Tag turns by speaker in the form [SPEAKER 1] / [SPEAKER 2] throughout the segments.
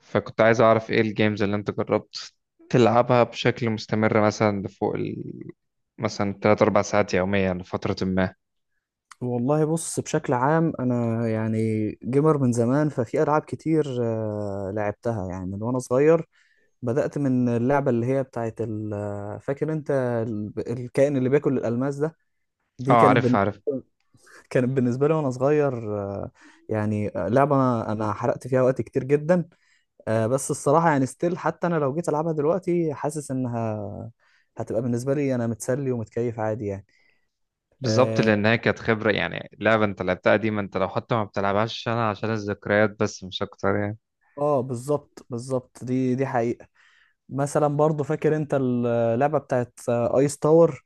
[SPEAKER 1] فكنت عايز أعرف إيه الجيمز اللي أنت جربت تلعبها بشكل مستمر، مثلا لفوق مثلا تلات أربع ساعات يوميا لفترة ما.
[SPEAKER 2] والله بص، بشكل عام انا يعني جيمر من زمان، ففي العاب كتير لعبتها يعني من وانا صغير. بدأت من اللعبة اللي هي بتاعت فاكر انت الكائن اللي بياكل الألماس ده.
[SPEAKER 1] أه،
[SPEAKER 2] دي كانت
[SPEAKER 1] عارف
[SPEAKER 2] بالنسبة
[SPEAKER 1] عارف.
[SPEAKER 2] كانت بالنسبة لي وأنا صغير، يعني لعبة أنا حرقت فيها وقت كتير جدا. بس الصراحة يعني ستيل، حتى أنا لو جيت ألعبها دلوقتي حاسس إنها هتبقى بالنسبة لي أنا متسلي ومتكيف عادي يعني.
[SPEAKER 1] بالظبط،
[SPEAKER 2] آه
[SPEAKER 1] لأن هي كانت خبرة. يعني لعبة أنت لعبتها دي، ما أنت لو حتى ما بتلعبهاش عشان الذكريات، بس مش أكتر يعني.
[SPEAKER 2] بالظبط بالظبط، دي حقيقة. مثلا برضو فاكر انت اللعبه بتاعت ايس تاور،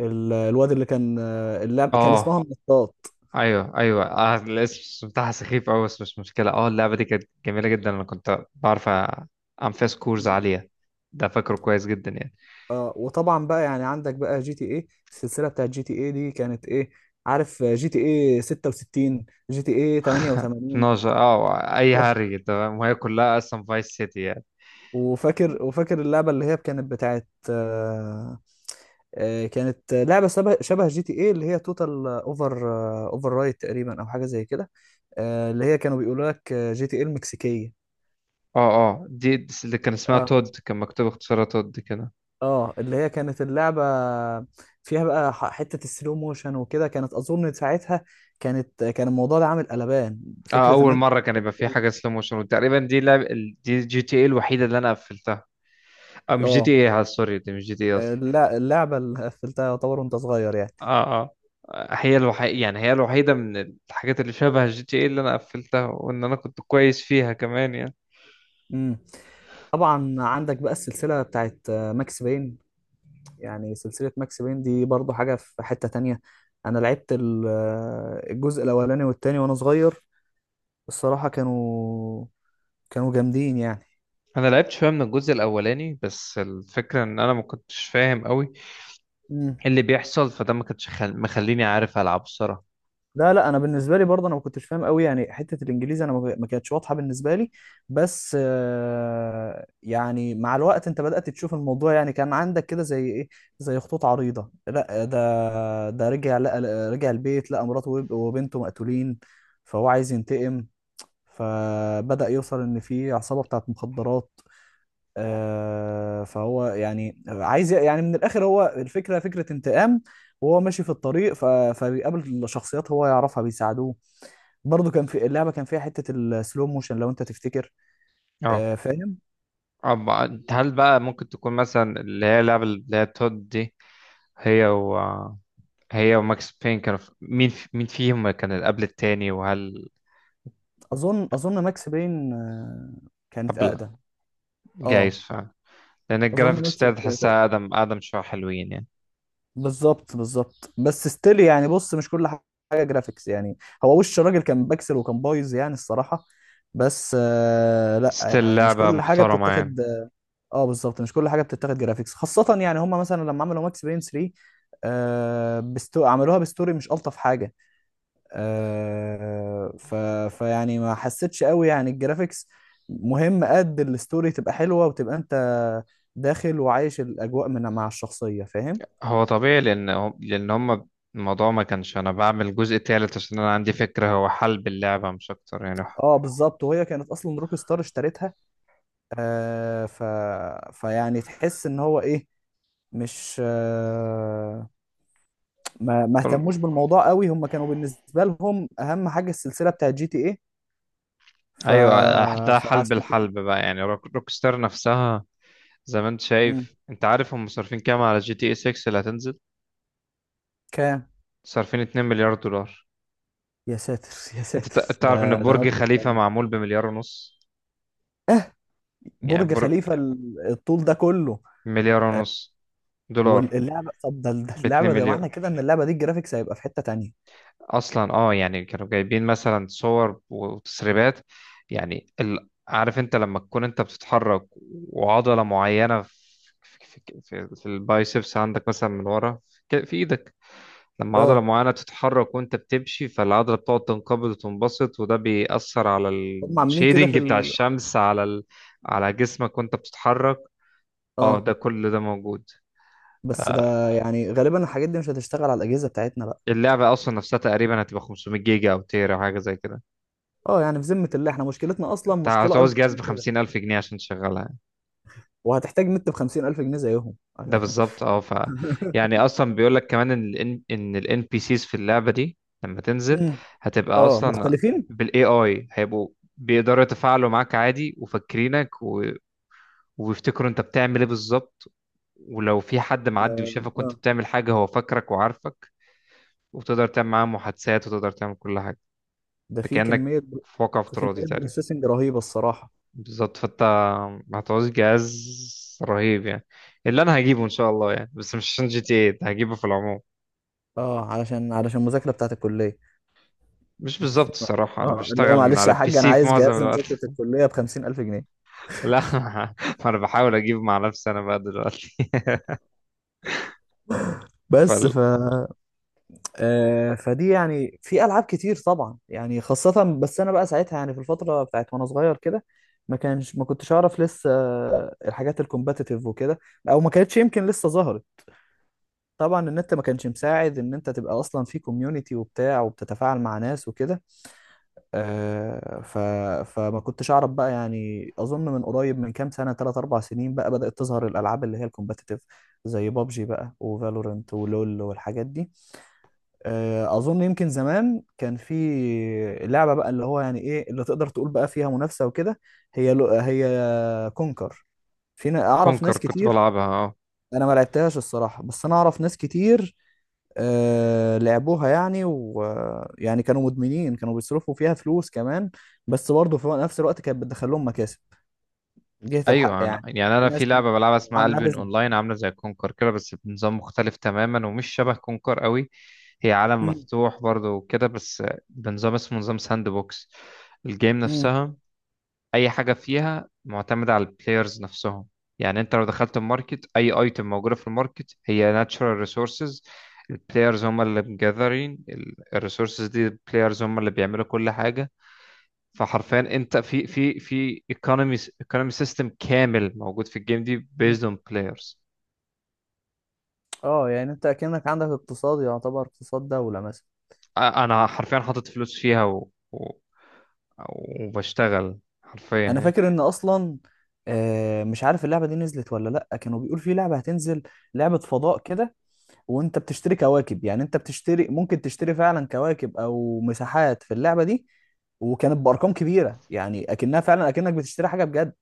[SPEAKER 2] الواد اللي كان اللعبه كان
[SPEAKER 1] أه،
[SPEAKER 2] اسمها النطاط.
[SPEAKER 1] أيوه أيوه. الاسم بتاعها سخيف أوي، بس مش مشكلة. أه، اللعبة دي كانت جميلة جدا. أنا كنت بعرف أعمل فيها سكورز عالية. ده فاكره كويس جدا يعني.
[SPEAKER 2] اه، وطبعا بقى يعني عندك بقى جي تي ايه، السلسله بتاعت جي تي ايه دي كانت ايه، عارف؟ جي تي ايه 66، جي تي ايه 88.
[SPEAKER 1] 12، اه اي هري، تمام، وهي كلها اصلا فايس سيتي.
[SPEAKER 2] وفاكر اللعبه اللي هي كانت بتاعت كانت لعبه شبه شبه جي تي ايه، اللي هي توتال اوفر رايت تقريبا او حاجه زي كده، اللي هي كانوا بيقولوا لك جي تي ايه المكسيكيه.
[SPEAKER 1] اه اه، دي اللي كان اسمها
[SPEAKER 2] اه،
[SPEAKER 1] تود، كان مكتوب اختصارها تود كده.
[SPEAKER 2] اه، اللي هي كانت اللعبة فيها بقى حتة السلو موشن وكده، كانت أظن ساعتها كان الموضوع ده عامل قلبان،
[SPEAKER 1] اه،
[SPEAKER 2] فكرة إن
[SPEAKER 1] اول
[SPEAKER 2] أنت...
[SPEAKER 1] مره كان يبقى في حاجه سلو موشن، وتقريبا دي GTA الوحيده اللي انا قفلتها. اه، مش جي
[SPEAKER 2] اه،
[SPEAKER 1] تي اي سوري، دي مش GTA اصلا.
[SPEAKER 2] اللعبة اللي قفلتها يعتبر وأنت صغير يعني.
[SPEAKER 1] اه اه، هي الوحيده، يعني هي الوحيده من الحاجات اللي شبه GTA اللي انا قفلتها، وان انا كنت كويس فيها كمان يعني.
[SPEAKER 2] امم طبعا، عندك بقى السلسلة بتاعت ماكس بين، يعني سلسلة ماكس بين دي برضو حاجة في حتة تانية. أنا لعبت الجزء الأولاني والتاني وأنا صغير، الصراحة كانوا جامدين يعني.
[SPEAKER 1] انا لعبت شويه من الجزء الاولاني، بس الفكره ان انا ما كنتش فاهم قوي
[SPEAKER 2] إمم.
[SPEAKER 1] إيه اللي بيحصل، فده ما كانش مخليني عارف العب الصراحه.
[SPEAKER 2] لا، لا، انا بالنسبه لي برضه انا ما كنتش فاهم قوي يعني، حته الانجليزي انا ما كانتش واضحه بالنسبه لي. بس يعني مع الوقت انت بدات تشوف الموضوع، يعني كان عندك كده زي ايه، زي خطوط عريضه. لا، ده رجع، لقى رجع البيت، لقى مراته وبنته مقتولين، فهو عايز ينتقم، فبدا يوصل ان في عصابه بتاعت مخدرات. فهو يعني عايز، يعني من الاخر هو فكره انتقام. وهو ماشي في الطريق فبيقابل شخصيات هو يعرفها بيساعدوه. برضو كان في اللعبه، كان فيها حته السلو موشن لو انت تفتكر.
[SPEAKER 1] اه،
[SPEAKER 2] فاهم.
[SPEAKER 1] أب... هل بقى ممكن تكون مثلا اللي هي اللعبة اللي هي تود دي، هي و هي وماكس بين، كانوا مين فيهم كان اللي قبل التاني، وهل
[SPEAKER 2] اظن ماكس بين كانت
[SPEAKER 1] قبل.
[SPEAKER 2] اقدم.
[SPEAKER 1] جايز
[SPEAKER 2] اه،
[SPEAKER 1] فعلا، لأن
[SPEAKER 2] اظن
[SPEAKER 1] الجرافيكس
[SPEAKER 2] ماكس
[SPEAKER 1] بتاعت
[SPEAKER 2] بين كانت اقدم.
[SPEAKER 1] تحسها أقدم، أقدم شوية، حلوين يعني.
[SPEAKER 2] بالظبط بالظبط، بس ستيل يعني، بص مش كل حاجه جرافيكس يعني، هو وش الراجل كان بكسل وكان بايظ يعني الصراحه، بس لا،
[SPEAKER 1] ستيل
[SPEAKER 2] يعني مش
[SPEAKER 1] لعبة
[SPEAKER 2] كل حاجه
[SPEAKER 1] محترمة يعني.
[SPEAKER 2] بتتاخد. اه، بالظبط، مش كل حاجه بتتاخد جرافيكس خاصه، يعني هم مثلا لما عملوا ماكس بين 3، عملوها بستوري مش الطف حاجه. آه ف... فيعني ما حسيتش قوي يعني الجرافيكس، مهم قد الستوري تبقى حلوه وتبقى انت داخل وعايش الاجواء من مع الشخصيه، فاهم؟
[SPEAKER 1] هو طبيعي، لأن هم الموضوع ما كانش. أنا بعمل جزء تالت عشان أنا عندي فكرة هو حلب اللعبة، مش أكتر يعني.
[SPEAKER 2] اه، بالظبط، وهي كانت اصلا روك ستار اشترتها، آه ف... فيعني تحس ان هو ايه، مش ما اهتموش بالموضوع قوي، هم كانوا بالنسبه لهم اهم حاجه السلسله بتاعت جي تي ايه، ف...
[SPEAKER 1] ايوه. ده حلب
[SPEAKER 2] فعشان كده.
[SPEAKER 1] الحلب بقى، يعني روك ستار نفسها. زي ما انت
[SPEAKER 2] مم.
[SPEAKER 1] شايف، انت عارف هم صارفين كام على GTA 6 اللي هتنزل.
[SPEAKER 2] كام؟
[SPEAKER 1] صارفين 2 مليار دولار.
[SPEAKER 2] يا ساتر، يا
[SPEAKER 1] انت
[SPEAKER 2] ساتر،
[SPEAKER 1] تعرف ان
[SPEAKER 2] ده
[SPEAKER 1] برج
[SPEAKER 2] مبلغ
[SPEAKER 1] خليفة
[SPEAKER 2] يعني.
[SPEAKER 1] معمول ب1.5 مليار. يعني
[SPEAKER 2] برج خليفه الطول ده كله؟
[SPEAKER 1] 1.5 مليار دولار.
[SPEAKER 2] طب، ده
[SPEAKER 1] ب 2
[SPEAKER 2] اللعبه، ده
[SPEAKER 1] مليار
[SPEAKER 2] معنى كده ان اللعبه دي الجرافيكس هيبقى في حته تانية.
[SPEAKER 1] اصلا. اه، يعني كانوا جايبين مثلا صور وتسريبات. يعني عارف انت لما تكون انت بتتحرك، وعضلة معينة في البايسبس عندك مثلا، من ورا في ايدك. لما عضلة
[SPEAKER 2] اه،
[SPEAKER 1] معينة بتتحرك وانت بتمشي، فالعضلة بتقعد تنقبض وتنبسط، وده بيأثر على
[SPEAKER 2] هم عاملين كده في
[SPEAKER 1] الشيدنج بتاع الشمس على جسمك وانت بتتحرك. اه،
[SPEAKER 2] اه،
[SPEAKER 1] ده كل ده موجود.
[SPEAKER 2] بس
[SPEAKER 1] آه،
[SPEAKER 2] ده يعني غالبا الحاجات دي مش هتشتغل على الاجهزه بتاعتنا بقى.
[SPEAKER 1] اللعبة أصلا نفسها تقريبا هتبقى 500 جيجا أو تيرا أو حاجة زي كده.
[SPEAKER 2] اه، يعني في ذمه الله، احنا مشكلتنا اصلا
[SPEAKER 1] أنت
[SPEAKER 2] مشكله
[SPEAKER 1] هتعوز
[SPEAKER 2] اكبر
[SPEAKER 1] جهاز
[SPEAKER 2] من كده،
[SPEAKER 1] ب50,000 جنيه عشان تشغلها يعني.
[SPEAKER 2] وهتحتاج نت ب 50,000 جنيه زيهم.
[SPEAKER 1] ده بالظبط. أه، يعني أصلا بيقول لك كمان إن ال NPCs في اللعبة دي لما تنزل
[SPEAKER 2] مم.
[SPEAKER 1] هتبقى
[SPEAKER 2] اه،
[SPEAKER 1] أصلا
[SPEAKER 2] مختلفين.
[SPEAKER 1] بال AI، هيبقوا بيقدروا يتفاعلوا معاك عادي وفاكرينك، وبيفتكروا انت بتعمل ايه بالظبط. ولو في حد معدي وشافك وانت
[SPEAKER 2] اه،
[SPEAKER 1] بتعمل حاجة، هو فاكرك وعارفك، وبتقدر تعمل معاه محادثات وتقدر تعمل كل حاجة.
[SPEAKER 2] ده
[SPEAKER 1] انت
[SPEAKER 2] في
[SPEAKER 1] كأنك
[SPEAKER 2] كمية
[SPEAKER 1] في واقع افتراضي
[SPEAKER 2] كمية
[SPEAKER 1] تقريبا.
[SPEAKER 2] بروسيسنج رهيبة الصراحة.
[SPEAKER 1] بالظبط، فانت هتعوز جهاز رهيب يعني. اللي انا هجيبه ان شاء الله يعني، بس مش عشان GTA هجيبه، في العموم.
[SPEAKER 2] اه، علشان المذاكرة بتاعت الكلية.
[SPEAKER 1] مش بالظبط، الصراحة انا
[SPEAKER 2] اه، اللي هو
[SPEAKER 1] بشتغل من
[SPEAKER 2] معلش
[SPEAKER 1] على
[SPEAKER 2] يا
[SPEAKER 1] البي
[SPEAKER 2] حاج، انا
[SPEAKER 1] سي في
[SPEAKER 2] عايز
[SPEAKER 1] معظم
[SPEAKER 2] جهاز
[SPEAKER 1] الوقت.
[SPEAKER 2] لمذاكرة الكلية ب50,000 جنيه.
[SPEAKER 1] لا. انا بحاول اجيب مع نفسي انا بقى دلوقتي.
[SPEAKER 2] بس فدي، يعني في ألعاب كتير طبعا، يعني خاصة، بس أنا بقى ساعتها، يعني في الفترة بتاعت وأنا صغير كده، ما كنتش أعرف لسه الحاجات الكومباتيتيف وكده، أو ما كانتش يمكن لسه ظهرت. طبعا النت ما كانش مساعد ان انت تبقى اصلا في كوميونتي وبتاع وبتتفاعل مع ناس وكده، آه، ف... فما كنتش اعرف بقى يعني، اظن من قريب من كام سنه، 3 4 سنين بقى، بدات تظهر الالعاب اللي هي الكومبتيتيف، زي بابجي بقى وفالورنت ولول والحاجات دي. اظن يمكن زمان كان في لعبه بقى، اللي هو يعني ايه اللي تقدر تقول بقى فيها منافسه وكده، هي كونكر. فينا اعرف
[SPEAKER 1] فالكونكر
[SPEAKER 2] ناس
[SPEAKER 1] كنت
[SPEAKER 2] كتير،
[SPEAKER 1] بلعبها، اه.
[SPEAKER 2] انا ما لعبتهاش الصراحه، بس انا اعرف ناس كتير لعبوها يعني، ويعني كانوا مدمنين، كانوا بيصرفوا فيها فلوس كمان، بس برضه في نفس الوقت كانت بتدخل لهم مكاسب جهة الحق
[SPEAKER 1] ايوه، أنا
[SPEAKER 2] يعني.
[SPEAKER 1] يعني
[SPEAKER 2] في
[SPEAKER 1] انا في
[SPEAKER 2] ناس كانت
[SPEAKER 1] لعبه بلعبها اسمها
[SPEAKER 2] عاملاها
[SPEAKER 1] البيون
[SPEAKER 2] بيزنس.
[SPEAKER 1] اونلاين، عامله زي كونكر كده بس بنظام مختلف تماما، ومش شبه كونكر قوي. هي عالم
[SPEAKER 2] مم،
[SPEAKER 1] مفتوح برضه وكده، بس بنظام اسمه نظام ساند بوكس. الجيم
[SPEAKER 2] مم،
[SPEAKER 1] نفسها، اي حاجه فيها معتمده على البلايرز نفسهم. يعني انت لو دخلت الماركت، اي ايتم موجوده في الماركت هي ناتشورال ريسورسز. البلايرز هم اللي مجذرين الريسورسز دي، البلايرز هم اللي بيعملوا كل حاجه. فحرفيا انت في ايكونومي سيستم كامل موجود في الجيم دي،
[SPEAKER 2] مم.
[SPEAKER 1] بيزد اون بلايرز.
[SPEAKER 2] اه، يعني انت اكنك عندك اقتصاد، يعتبر اقتصاد دولة مثلا.
[SPEAKER 1] انا حرفيا حاطط فلوس فيها وبشتغل حرفيا
[SPEAKER 2] انا
[SPEAKER 1] يعني.
[SPEAKER 2] فاكر ان اصلا مش عارف اللعبة دي نزلت ولا لا، كانوا بيقول في لعبة هتنزل، لعبة فضاء كده، وانت بتشتري كواكب، يعني انت بتشتري ممكن تشتري فعلا كواكب او مساحات في اللعبه دي، وكانت بارقام كبيره، يعني اكنها فعلا اكنك بتشتري حاجه بجد،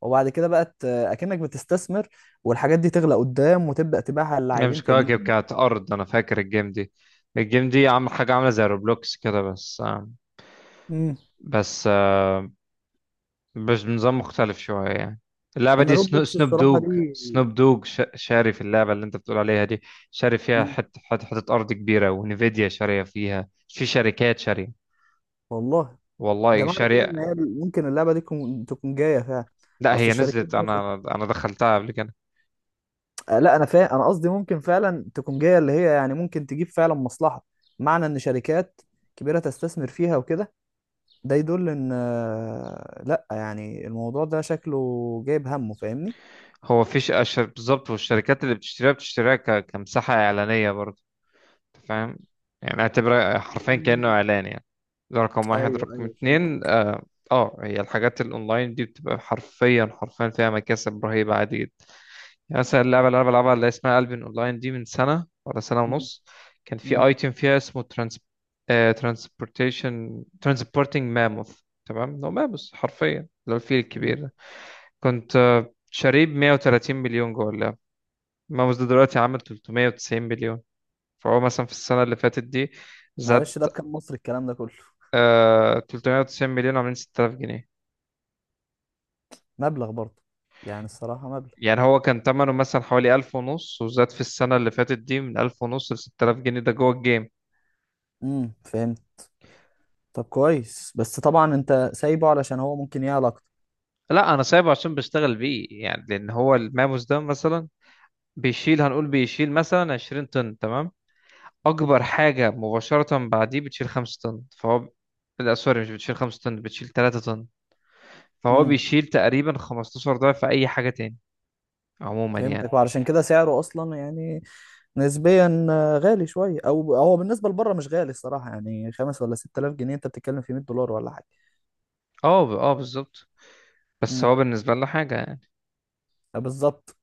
[SPEAKER 2] وبعد كده بقت اكنك بتستثمر، والحاجات دي تغلى قدام وتبدا تبيعها
[SPEAKER 1] هي
[SPEAKER 2] للاعبين
[SPEAKER 1] مش كواكب،
[SPEAKER 2] تانيين.
[SPEAKER 1] كانت أرض، أنا فاكر الجيم دي. الجيم دي عامل حاجة عاملة زي روبلوكس كده،
[SPEAKER 2] امم
[SPEAKER 1] بس آه، بس بنظام مختلف شوية يعني. اللعبة
[SPEAKER 2] انا
[SPEAKER 1] دي سنو
[SPEAKER 2] روبلوكس
[SPEAKER 1] سنوب
[SPEAKER 2] الصراحه
[SPEAKER 1] دوج
[SPEAKER 2] دي.
[SPEAKER 1] سنوب دوج شاري في اللعبة اللي أنت بتقول عليها دي. شاري فيها
[SPEAKER 2] مم.
[SPEAKER 1] حتة أرض كبيرة، ونفيديا شارية فيها، في شركات شارية.
[SPEAKER 2] والله، ده
[SPEAKER 1] والله،
[SPEAKER 2] معنى كده ان
[SPEAKER 1] شركة.
[SPEAKER 2] هي ممكن اللعبه دي تكون جايه فعلا؟
[SPEAKER 1] لا،
[SPEAKER 2] اصل
[SPEAKER 1] هي
[SPEAKER 2] الشركات
[SPEAKER 1] نزلت،
[SPEAKER 2] دي
[SPEAKER 1] انا دخلتها قبل كده.
[SPEAKER 2] لا، انا انا قصدي ممكن فعلا تكون جايه اللي هي، يعني ممكن تجيب فعلا مصلحه، معنى ان شركات كبيره تستثمر فيها وكده، ده يدل ان لا يعني الموضوع ده شكله جايب همه، فاهمني؟
[SPEAKER 1] هو فيش بالظبط، والشركات اللي بتشتريها بتشتريها كمساحة اعلانية برضه. أنت فاهم؟ يعني اعتبرها حرفيا كأنه
[SPEAKER 2] مم.
[SPEAKER 1] اعلان يعني. ده رقم واحد.
[SPEAKER 2] ايوه،
[SPEAKER 1] رقم
[SPEAKER 2] ايوه، فهمت.
[SPEAKER 1] اتنين، اه، هي الحاجات الاونلاين دي بتبقى حرفيا حرفيا فيها مكاسب رهيبة عادي. يعني مثلا اللعبة اللي أنا بلعبها اللي اسمها قلب أونلاين دي، من سنة ولا سنة
[SPEAKER 2] مم.
[SPEAKER 1] ونص كان في
[SPEAKER 2] مم.
[SPEAKER 1] أيتم فيها اسمه ترانس. ترانسبورتنج ماموث. تمام، هو ماموث حرفيا، اللي هو الفيل
[SPEAKER 2] مم.
[SPEAKER 1] الكبير ده. كنت شاريه ب 130 مليون جوه اللعبة. ماموث ده دلوقتي عامل 390 مليون. فهو مثلا في السنة اللي فاتت دي زاد.
[SPEAKER 2] معلش، ده بكام مصري الكلام ده كله؟
[SPEAKER 1] 390 مليون عاملين 6000 جنيه.
[SPEAKER 2] مبلغ برضه، يعني الصراحه مبلغ.
[SPEAKER 1] يعني هو كان تمنه مثلا حوالي 1000 ونص، وزاد في السنة اللي فاتت دي من 1000 ونص ل 6000 جنيه، ده جوه الجيم.
[SPEAKER 2] فهمت. طب كويس، بس طبعا انت سايبه علشان هو ممكن يعلى اكتر.
[SPEAKER 1] لا، انا سايبه عشان بشتغل بيه يعني، لان هو الماموس ده مثلا بيشيل، هنقول بيشيل مثلا 20 طن، تمام، اكبر حاجه مباشره بعديه بتشيل 5 طن. فهو لا سوري، مش بتشيل 5 طن، بتشيل 3 طن. فهو
[SPEAKER 2] امم
[SPEAKER 1] بيشيل تقريبا 15 ضعف اي حاجه تاني، عموما
[SPEAKER 2] فهمتك،
[SPEAKER 1] يعني.
[SPEAKER 2] وعلشان كده سعره اصلا يعني نسبيا غالي شويه، او هو بالنسبه لبره مش غالي الصراحه، يعني خمس ولا 6,000 جنيه انت بتتكلم في 100 دولار ولا حاجه.
[SPEAKER 1] اه، بالظبط. بس
[SPEAKER 2] امم
[SPEAKER 1] هو بالنسبه لنا حاجه يعني.
[SPEAKER 2] بالظبط.